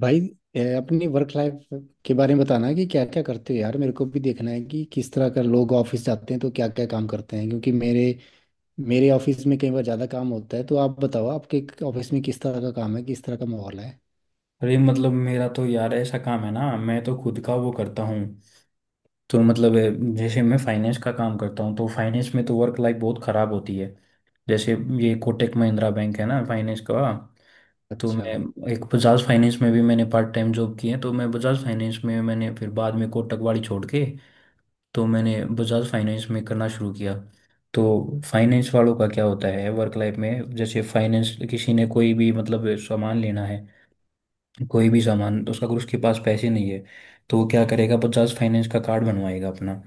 भाई, ए, अपनी वर्क लाइफ के बारे में बताना कि क्या क्या करते हो यार। मेरे को भी देखना है कि किस तरह का लोग ऑफिस जाते हैं तो क्या क्या काम करते हैं। क्योंकि मेरे मेरे ऑफिस में कई बार ज़्यादा काम होता है, तो आप बताओ आपके ऑफिस में किस तरह का काम है, किस तरह का माहौल है। अरे मतलब मेरा तो यार ऐसा काम है ना, मैं तो खुद का वो करता हूँ। तो मतलब जैसे मैं फाइनेंस का काम करता हूँ, तो फाइनेंस में तो वर्क लाइफ बहुत ख़राब होती है। जैसे ये कोटक महिंद्रा बैंक है ना फाइनेंस का। तो अच्छा। मैं एक बजाज फाइनेंस में भी मैंने पार्ट टाइम जॉब की है, तो मैं बजाज फाइनेंस में मैंने फिर बाद में कोटक वाली छोड़ के, तो मैंने बजाज फाइनेंस में करना शुरू किया। तो फाइनेंस वालों का क्या होता है वर्क लाइफ में, जैसे फाइनेंस किसी ने कोई भी मतलब सामान लेना है, कोई भी सामान तो उसका अगर उसके पास पैसे नहीं है, तो वो क्या करेगा, बजाज फाइनेंस का कार्ड बनवाएगा अपना।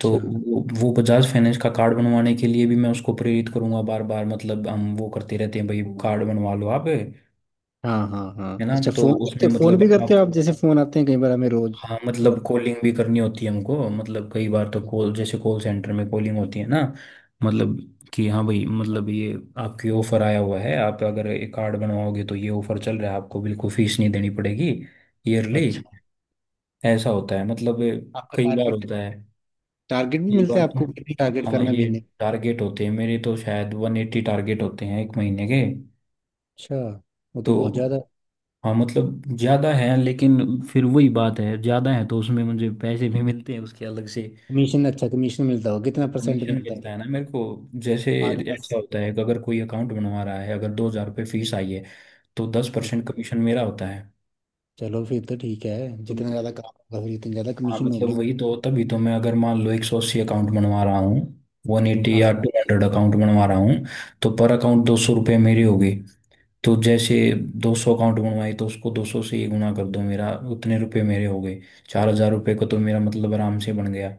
तो वो बजाज फाइनेंस का कार्ड बनवाने के लिए भी मैं उसको प्रेरित करूंगा बार बार, मतलब हम वो करते रहते हैं, भाई कार्ड बनवा लो आप, है हाँ हाँ हाँ, ना। अच्छा। तो फ़ोन करते उसमें हो? फ़ोन मतलब भी आप, करते हो आप? जैसे फ़ोन आते हैं कई बार हमें रोज़। हाँ सारा। मतलब कॉलिंग भी करनी होती है हमको, मतलब कई बार तो कॉल, जैसे कॉल सेंटर में कॉलिंग होती है ना, मतलब कि हाँ भाई मतलब ये आपके ऑफर आया हुआ है, आप अगर ये कार्ड बनवाओगे तो ये ऑफर चल रहा है, आपको बिल्कुल फीस नहीं देनी पड़ेगी ईयरली, अच्छा। ऐसा होता है मतलब। आपका कई बार टारगेट। होता है। टारगेट भी एक मिलता बार है तो आपको? कितनी टारगेट हाँ, करना है ये महीने? टारगेट होते हैं मेरे, तो शायद 180 टारगेट होते हैं एक महीने के। अच्छा। वो तो तो बहुत ज़्यादा। हाँ मतलब ज़्यादा है, लेकिन फिर वही बात है, ज़्यादा है तो उसमें मुझे पैसे भी मिलते हैं उसके अलग से। कमीशन? अच्छा, कमीशन मिलता होगा। कितना परसेंट कमीशन मिलता मिलता है? है ना मेरे को, जैसे पाँच ऐसा 10? होता है कि अगर कोई अकाउंट बनवा रहा है, अगर 2,000 रुपये फीस आई है, तो 10% कमीशन मेरा होता है। चलो फिर तो ठीक है। तो जितना ज्यादा काम होगा, फिर उतनी ज्यादा हाँ कमीशन मतलब होगी। वही तो, तभी तो मैं अगर मान लो 180 अकाउंट बनवा रहा हूँ, 180 हाँ, या 200 अकाउंट बनवा रहा हूँ, तो पर अकाउंट 200 रुपये मेरी होगी। तो जैसे 200 अकाउंट बनवाए तो उसको 200 से ही गुना कर दो, मेरा उतने रुपये मेरे हो गए, 4,000 रुपये को तो मेरा मतलब आराम से बन गया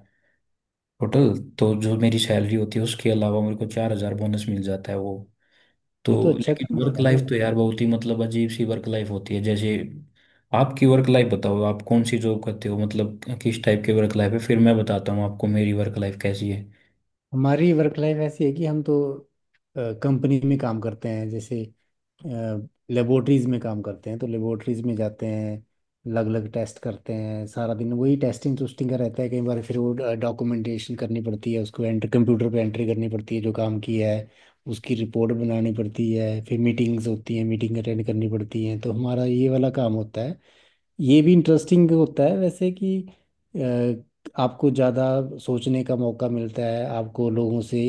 टोटल। तो जो मेरी सैलरी होती है उसके अलावा मेरे को 4,000 बोनस मिल जाता है वो। तो ये तो अच्छा लेकिन काम है वर्क यार। लाइफ तो यार बहुत ही मतलब अजीब सी वर्क लाइफ होती है। जैसे आपकी वर्क लाइफ बताओ, आप कौन सी जॉब करते हो, मतलब किस टाइप की वर्क लाइफ है, फिर मैं बताता हूँ आपको मेरी वर्क लाइफ कैसी है। हमारी वर्क लाइफ ऐसी है कि हम तो कंपनी में काम करते हैं, जैसे लेबोरेटरीज में काम करते हैं। तो लेबोरेटरीज में जाते हैं, अलग अलग टेस्ट करते हैं। सारा दिन वही टेस्टिंग टूस्टिंग का रहता है। कई बार फिर वो डॉक्यूमेंटेशन करनी पड़ती है, उसको एंटर कंप्यूटर पे एंट्री करनी पड़ती है जो काम की है। उसकी रिपोर्ट बनानी पड़ती है, फिर मीटिंग्स होती हैं, मीटिंग अटेंड करनी पड़ती हैं। तो हमारा ये वाला काम होता है। ये भी इंटरेस्टिंग होता है वैसे कि अ, आपको ज़्यादा सोचने का मौका मिलता है, आपको लोगों से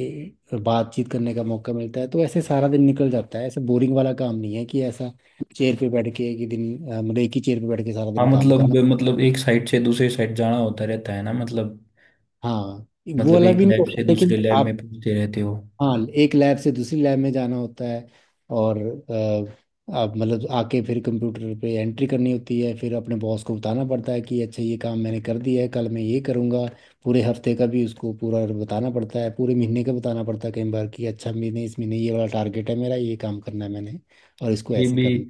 बातचीत करने का मौका मिलता है। तो ऐसे सारा दिन निकल जाता है। ऐसे बोरिंग वाला काम नहीं है कि ऐसा चेयर पे बैठ के कि दिन मतलब एक ही चेयर पे बैठ के सारा हाँ दिन काम मतलब, करना। मतलब एक साइड से दूसरे साइड जाना होता रहता है ना, मतलब हाँ, वो मतलब वाला एक भी नहीं लैब होता से दूसरे लेकिन लैब में आप। पहुंचते रहते हो। हाँ, एक लैब से दूसरी लैब में जाना होता है, और आप मतलब आके फिर कंप्यूटर पे एंट्री करनी होती है। फिर अपने बॉस को बताना पड़ता है कि अच्छा, ये काम मैंने कर दिया है, कल मैं ये करूँगा। पूरे हफ्ते का भी उसको पूरा बताना पड़ता है, पूरे महीने का बताना पड़ता है कई बार कि अच्छा, महीने इस महीने ये वाला टारगेट है मेरा, ये काम करना है मैंने, और इसको ये ऐसे भी करना।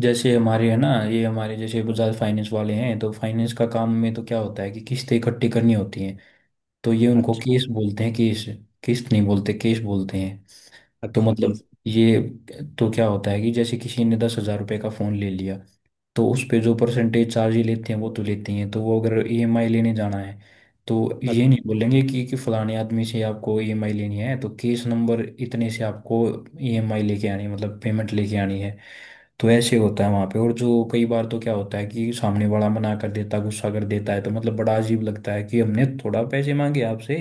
जैसे हमारे है ना, ये हमारे जैसे बजाज फाइनेंस वाले हैं, तो फाइनेंस का काम में तो क्या होता है कि किस्तें इकट्ठी करनी होती हैं। तो ये उनको अच्छा। केस बोलते हैं, केस। किस्त नहीं बोलते, केस बोलते हैं। तो अच्छा, केस। मतलब ये, तो क्या होता है कि जैसे किसी ने 10,000 रुपये का फ़ोन ले लिया, तो उस पे जो परसेंटेज चार्ज ही लेते हैं वो तो लेते ही हैं, तो वो अगर ईएमआई लेने जाना है, तो ये नहीं बोलेंगे कि फलाने आदमी से आपको ईएमआई लेनी है, तो केस नंबर इतने से आपको ईएमआई लेके आनी है, मतलब पेमेंट लेके आनी है। तो ऐसे होता है वहाँ पे, और जो कई बार तो क्या होता है कि सामने वाला मना कर देता, गुस्सा कर देता है, तो मतलब बड़ा अजीब लगता है कि हमने थोड़ा पैसे मांगे आपसे,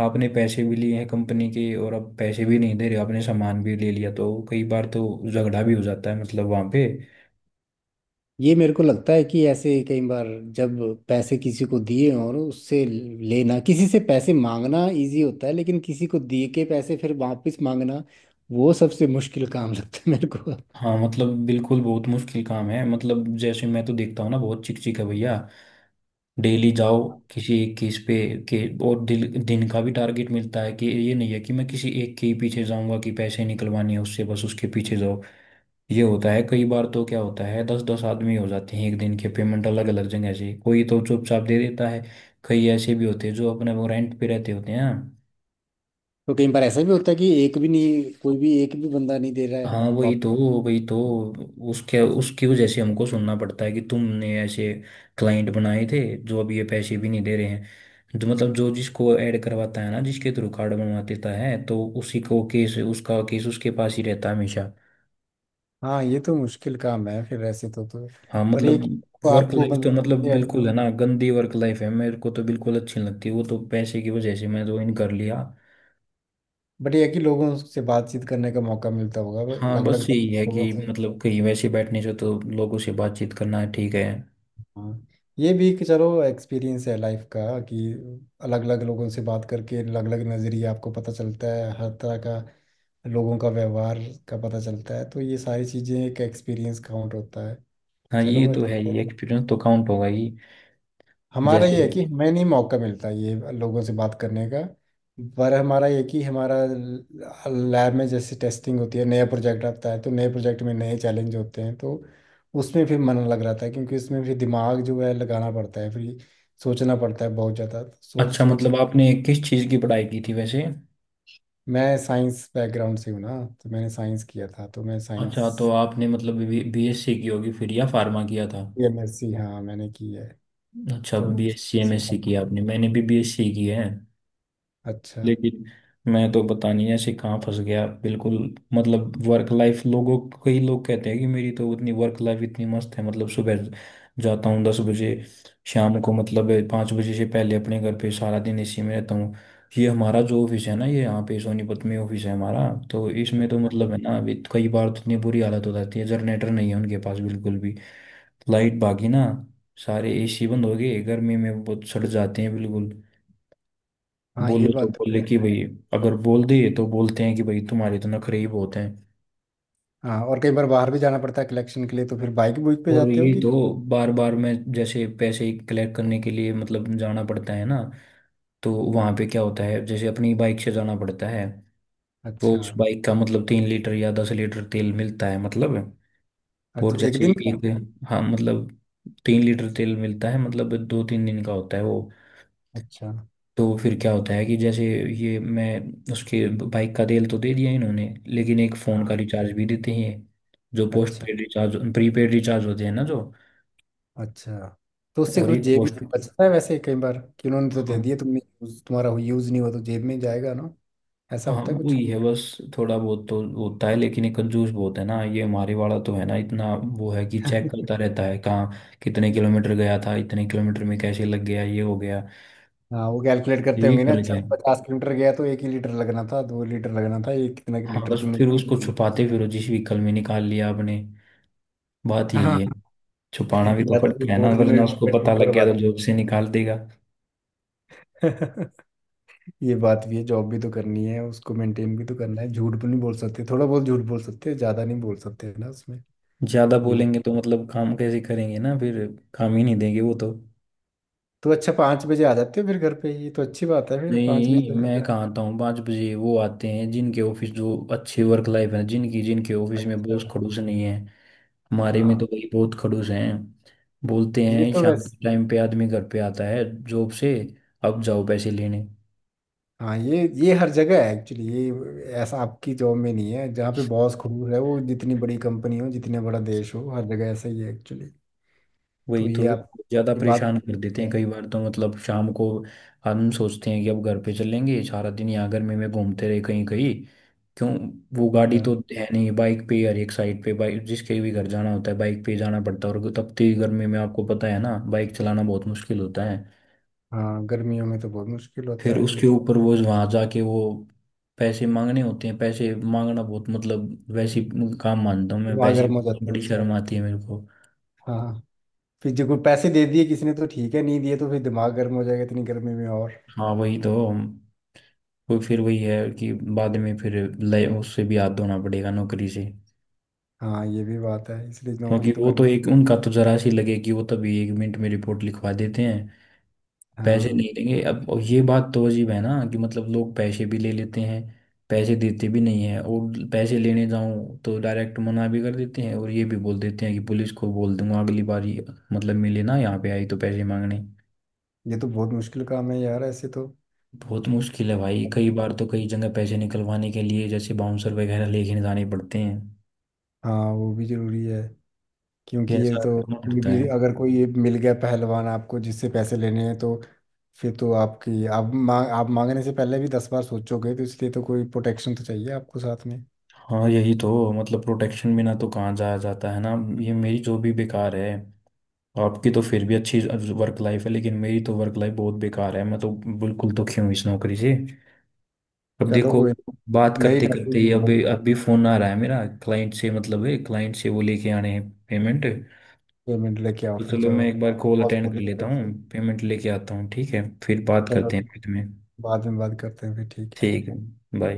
आपने पैसे भी लिए हैं कंपनी के और अब पैसे भी नहीं दे रहे, आपने सामान भी ले लिया, तो कई बार तो झगड़ा भी हो जाता है मतलब वहाँ पे। ये मेरे को लगता है कि ऐसे कई बार जब पैसे किसी को दिए, और उससे लेना, किसी से पैसे मांगना इजी होता है, लेकिन किसी को दिए के पैसे फिर वापस मांगना, वो सबसे मुश्किल काम लगता है मेरे को। हाँ मतलब बिल्कुल बहुत मुश्किल काम है, मतलब जैसे मैं तो देखता हूँ ना, बहुत चिकचिक है भैया। डेली जाओ किसी एक केस पे के, और दिन का भी टारगेट मिलता है कि ये नहीं है कि मैं किसी एक के ही पीछे जाऊंगा, कि पैसे निकलवाने हैं उससे बस उसके पीछे जाओ। ये होता है कई बार, तो क्या होता है दस दस आदमी हो जाते हैं एक दिन के पेमेंट अलग अलग जगह से, कोई तो चुपचाप दे देता है, कई ऐसे भी होते हैं जो अपने वो रेंट पे रहते होते हैं। तो कई बार ऐसा भी होता है कि एक भी नहीं, कोई भी एक भी बंदा नहीं दे रहा है हाँ वही तो, वही तो उसके उसकी वजह से हमको सुनना पड़ता है कि तुमने ऐसे क्लाइंट बनाए थे, जो अब ये पैसे भी नहीं दे रहे हैं। जो मतलब जो जिसको ऐड करवाता है ना, जिसके थ्रू कार्ड बनवा देता है, तो उसी को केस, उसका केस उसके पास ही रहता है हमेशा। हाँ, ये तो मुश्किल काम है फिर ऐसे तो। हाँ पर ये मतलब कि आपको वर्क आपको लाइफ तो मतलब मतलब, बिल्कुल है ना, गंदी वर्क लाइफ है, मेरे को तो बिल्कुल अच्छी नहीं लगती, वो तो पैसे की वजह से मैं ज्वाइन कर लिया। बट ये है कि लोगों से बातचीत करने का मौका मिलता होगा हाँ अलग अलग बस यही है लोगों कि से। मतलब कहीं वैसे बैठने से तो लोगों से बातचीत करना है ठीक है। हाँ, ये भी कि चलो एक्सपीरियंस है लाइफ का, कि अलग अलग लोगों से बात करके अलग अलग नज़रिया आपको पता चलता है, हर तरह का लोगों का व्यवहार का पता चलता है। तो ये सारी चीज़ें एक एक्सपीरियंस काउंट होता है। हाँ ये चलो, तो है, अच्छा। ये एक्सपीरियंस तो काउंट होगा ही। हमारा ये जैसे है कि हमें नहीं मौका मिलता ये लोगों से बात करने का। पर हमारा ये कि हमारा लैब में जैसे टेस्टिंग होती है, नया प्रोजेक्ट आता है, तो नए प्रोजेक्ट में नए चैलेंज होते हैं। तो उसमें फिर मन लग रहा था, क्योंकि उसमें फिर दिमाग जो है लगाना पड़ता है, फिर सोचना पड़ता है बहुत ज़्यादा, तो सोच अच्छा सोच। मतलब आपने किस चीज़ की पढ़ाई की थी वैसे? मैं साइंस बैकग्राउंड से हूँ ना, तो मैंने साइंस किया था, तो मैं अच्छा, तो साइंस। आपने मतलब बीएससी की होगी फिर, या फार्मा किया था? एमएससी, हाँ मैंने की है। अच्छा तो बीएससी वैसे एमएससी की आपने, मैंने भी बीएससी की है। अच्छा। लेकिन मैं तो पता नहीं ऐसे कहाँ फंस गया बिल्कुल। मतलब वर्क लाइफ लोगों, कई लोग कहते हैं कि मेरी तो उतनी वर्क लाइफ इतनी मस्त है, मतलब सुबह जाता हूँ 10 बजे, शाम को मतलब 5 बजे से पहले अपने घर पे, सारा दिन इसी में रहता हूँ। ये हमारा जो ऑफिस है ना, ये यहाँ पे सोनीपत में ऑफिस है हमारा, तो इसमें तो मतलब है ना, अभी कई बार तो इतनी बुरी हालत हो जाती है, जनरेटर नहीं है उनके पास बिल्कुल भी, लाइट भागी ना, सारे एसी बंद हो गए, गर्मी में बहुत सड़ जाते हैं बिल्कुल। हाँ, ये बोलो तो बात तो। बोले कि भाई, अगर बोल दिए तो बोलते हैं कि भाई तुम्हारे तो नखरे ही बहुत हैं। हाँ, और कई बार बाहर भी जाना पड़ता है कलेक्शन के लिए, तो फिर बाइक बुक पे और जाते हो यही कि। तो बार बार में जैसे पैसे कलेक्ट करने के लिए मतलब जाना पड़ता है ना, तो वहाँ पे क्या होता है जैसे अपनी बाइक से जाना पड़ता है। वो अच्छा। उस बाइक का मतलब 3 लीटर या 10 लीटर तेल मिलता है मतलब। और अच्छा, एक जैसे दिन का? एक, हाँ मतलब 3 लीटर तेल मिलता है मतलब दो तीन दिन का होता है वो। अच्छा। तो फिर क्या होता है कि जैसे ये मैं उसके बाइक का तेल तो दे दिया इन्होंने, लेकिन एक फ़ोन हाँ। का रिचार्ज भी देते हैं, जो पोस्ट अच्छा। पेड रिचार्ज, प्रीपेड रिचार्ज होते हैं ना जो, अच्छा, तो उससे और कुछ एक जेब पोस्ट, में बचता है वैसे कई बार कि उन्होंने तो दे हाँ दिए, तुमने तुम्हारा यूज नहीं हुआ तो जेब में ही जाएगा ना। ऐसा हाँ होता है कुछ? वही है बस। थोड़ा बहुत तो होता है, लेकिन ये कंजूस बहुत है ना ये हमारे वाला, तो है ना इतना, वो है कि चेक करता रहता है कहाँ कितने किलोमीटर गया था, इतने किलोमीटर में कैसे लग गया ये हो गया। हाँ, वो कैलकुलेट करते यही होंगे ना। फर्क अच्छा, है। 50 किलोमीटर गया तो एक ही लीटर लगना था, 2 लीटर लगना था, ये कितना हाँ लीटर बस तुमने। फिर उसको छुपाते, फिर वो जिस व्हीकल में निकाल लिया आपने, बात यही हाँ, है। छुपाना भी तो या तो पड़ता फिर है ना, बोतल वरना में उसको पता पेट्रोल लग गया भरवा तो जॉब से निकाल देगा। दो। ये बात भी है, जॉब भी तो करनी है, उसको मेंटेन भी तो करना है। झूठ भी नहीं बोल सकते, थोड़ा बहुत झूठ बोल सकते हैं, ज्यादा नहीं बोल सकते ना उसमें। ज्यादा ये भी। बोलेंगे तो मतलब काम कैसे करेंगे ना फिर, काम ही नहीं देंगे वो तो। तो अच्छा, 5 बजे आ जाते हो फिर घर पे? ये तो अच्छी बात है फिर, 5 बजे नहीं तक मैं घर। कहाँ आता हूँ 5 बजे, वो आते हैं जिनके ऑफिस जो अच्छे वर्क लाइफ है जिनकी, जिनके ऑफिस में अच्छा। बॉस खड़ूस नहीं है। हमारे में तो हाँ, भाई बहुत खड़ूस हैं, बोलते ये हैं तो शाम के वैसे। टाइम पे आदमी घर पे आता है जॉब से, अब जाओ पैसे लेने। हाँ, ये हर जगह है एक्चुअली। ये ऐसा आपकी जॉब में नहीं है जहाँ पे बॉस क्रूर है, वो जितनी बड़ी कंपनी हो, जितना बड़ा देश हो, हर जगह ऐसा ही है एक्चुअली। तो वही तो, ये आप। ज़्यादा ये बात, परेशान कर देते हैं अच्छा। कई बार, तो मतलब शाम को हम सोचते हैं कि अब घर पे चलेंगे, सारा दिन यहाँ गर्मी में घूमते रहे कहीं कहीं, क्यों, वो गाड़ी हाँ। तो है नहीं, बाइक पे ही हर एक साइड पे बाइक, जिसके भी घर जाना होता है बाइक पे ही जाना पड़ता है, और तपती गर्मी में आपको पता है ना बाइक चलाना बहुत मुश्किल होता है। हाँ, गर्मियों में तो बहुत मुश्किल फिर होता है ये उसके तो। ऊपर वो वहां जाके वो पैसे मांगने होते हैं, पैसे मांगना बहुत मतलब वैसे ही काम मानता हूँ मैं, दिमाग पैसे, गर्म हो जाता है बड़ी उससे। शर्म आती है मेरे को। हाँ। फिर जो कोई पैसे दे दिए किसी ने तो ठीक है, नहीं दिए तो फिर दिमाग गर्म हो जाएगा इतनी गर्मी में और। हाँ वही तो, वो फिर वही है कि बाद में फिर लय उससे भी हाथ धोना पड़ेगा नौकरी से। हाँ, ये भी बात है, इसलिए नौकरी क्योंकि तो वो तो करनी। एक उनका तो जरा सी लगे कि वो तभी 1 मिनट में रिपोर्ट लिखवा देते हैं, पैसे हाँ, नहीं लेंगे अब। और ये बात तो अजीब है ना कि मतलब लोग पैसे भी ले लेते हैं, पैसे देते भी नहीं है, और पैसे लेने जाऊं तो डायरेक्ट मना भी कर देते हैं, और ये भी बोल देते हैं कि पुलिस को बोल दूंगा अगली बार, ये- मतलब मिले ना यहाँ पे आई तो पैसे मांगने। ये तो बहुत मुश्किल काम है यार ऐसे तो। बहुत मुश्किल है भाई, कई बार तो कई जगह पैसे निकलवाने के लिए जैसे बाउंसर वगैरह लेके जाने पड़ते हैं, हाँ, वो भी जरूरी है। ये क्योंकि ये ऐसा तो करना कोई पड़ता भी, है। अगर कोई ये मिल गया पहलवान आपको जिससे पैसे लेने हैं, तो फिर तो आपकी आप मांगने से पहले भी 10 बार सोचोगे। तो इसलिए तो कोई प्रोटेक्शन तो चाहिए आपको साथ में। हाँ यही तो, मतलब प्रोटेक्शन बिना तो कहाँ जाया जाता है ना। ये मेरी जो भी बेकार है, आपकी तो फिर भी अच्छी वर्क लाइफ है, लेकिन मेरी तो वर्क लाइफ बहुत बेकार है, मैं तो बिल्कुल दुखी हूँ इस नौकरी से। अब चलो, देखो, कोई ना। बात नई करते नौकरी करते ही ढूंढो। अभी अभी फोन आ रहा है मेरा क्लाइंट से, मतलब है क्लाइंट से वो लेके आने हैं पेमेंट। पेमेंट लेके आओ तो फिर चलो मैं जाओ। एक बार कॉल बॉस अटेंड कर बोलेगा लेता फिर हूँ, से। पेमेंट लेके आता हूँ ठीक है, फिर बात चलो, करते हैं ठीक। बाद में। बाद में बात करते हैं फिर, ठीक है। ठीक है, बाय।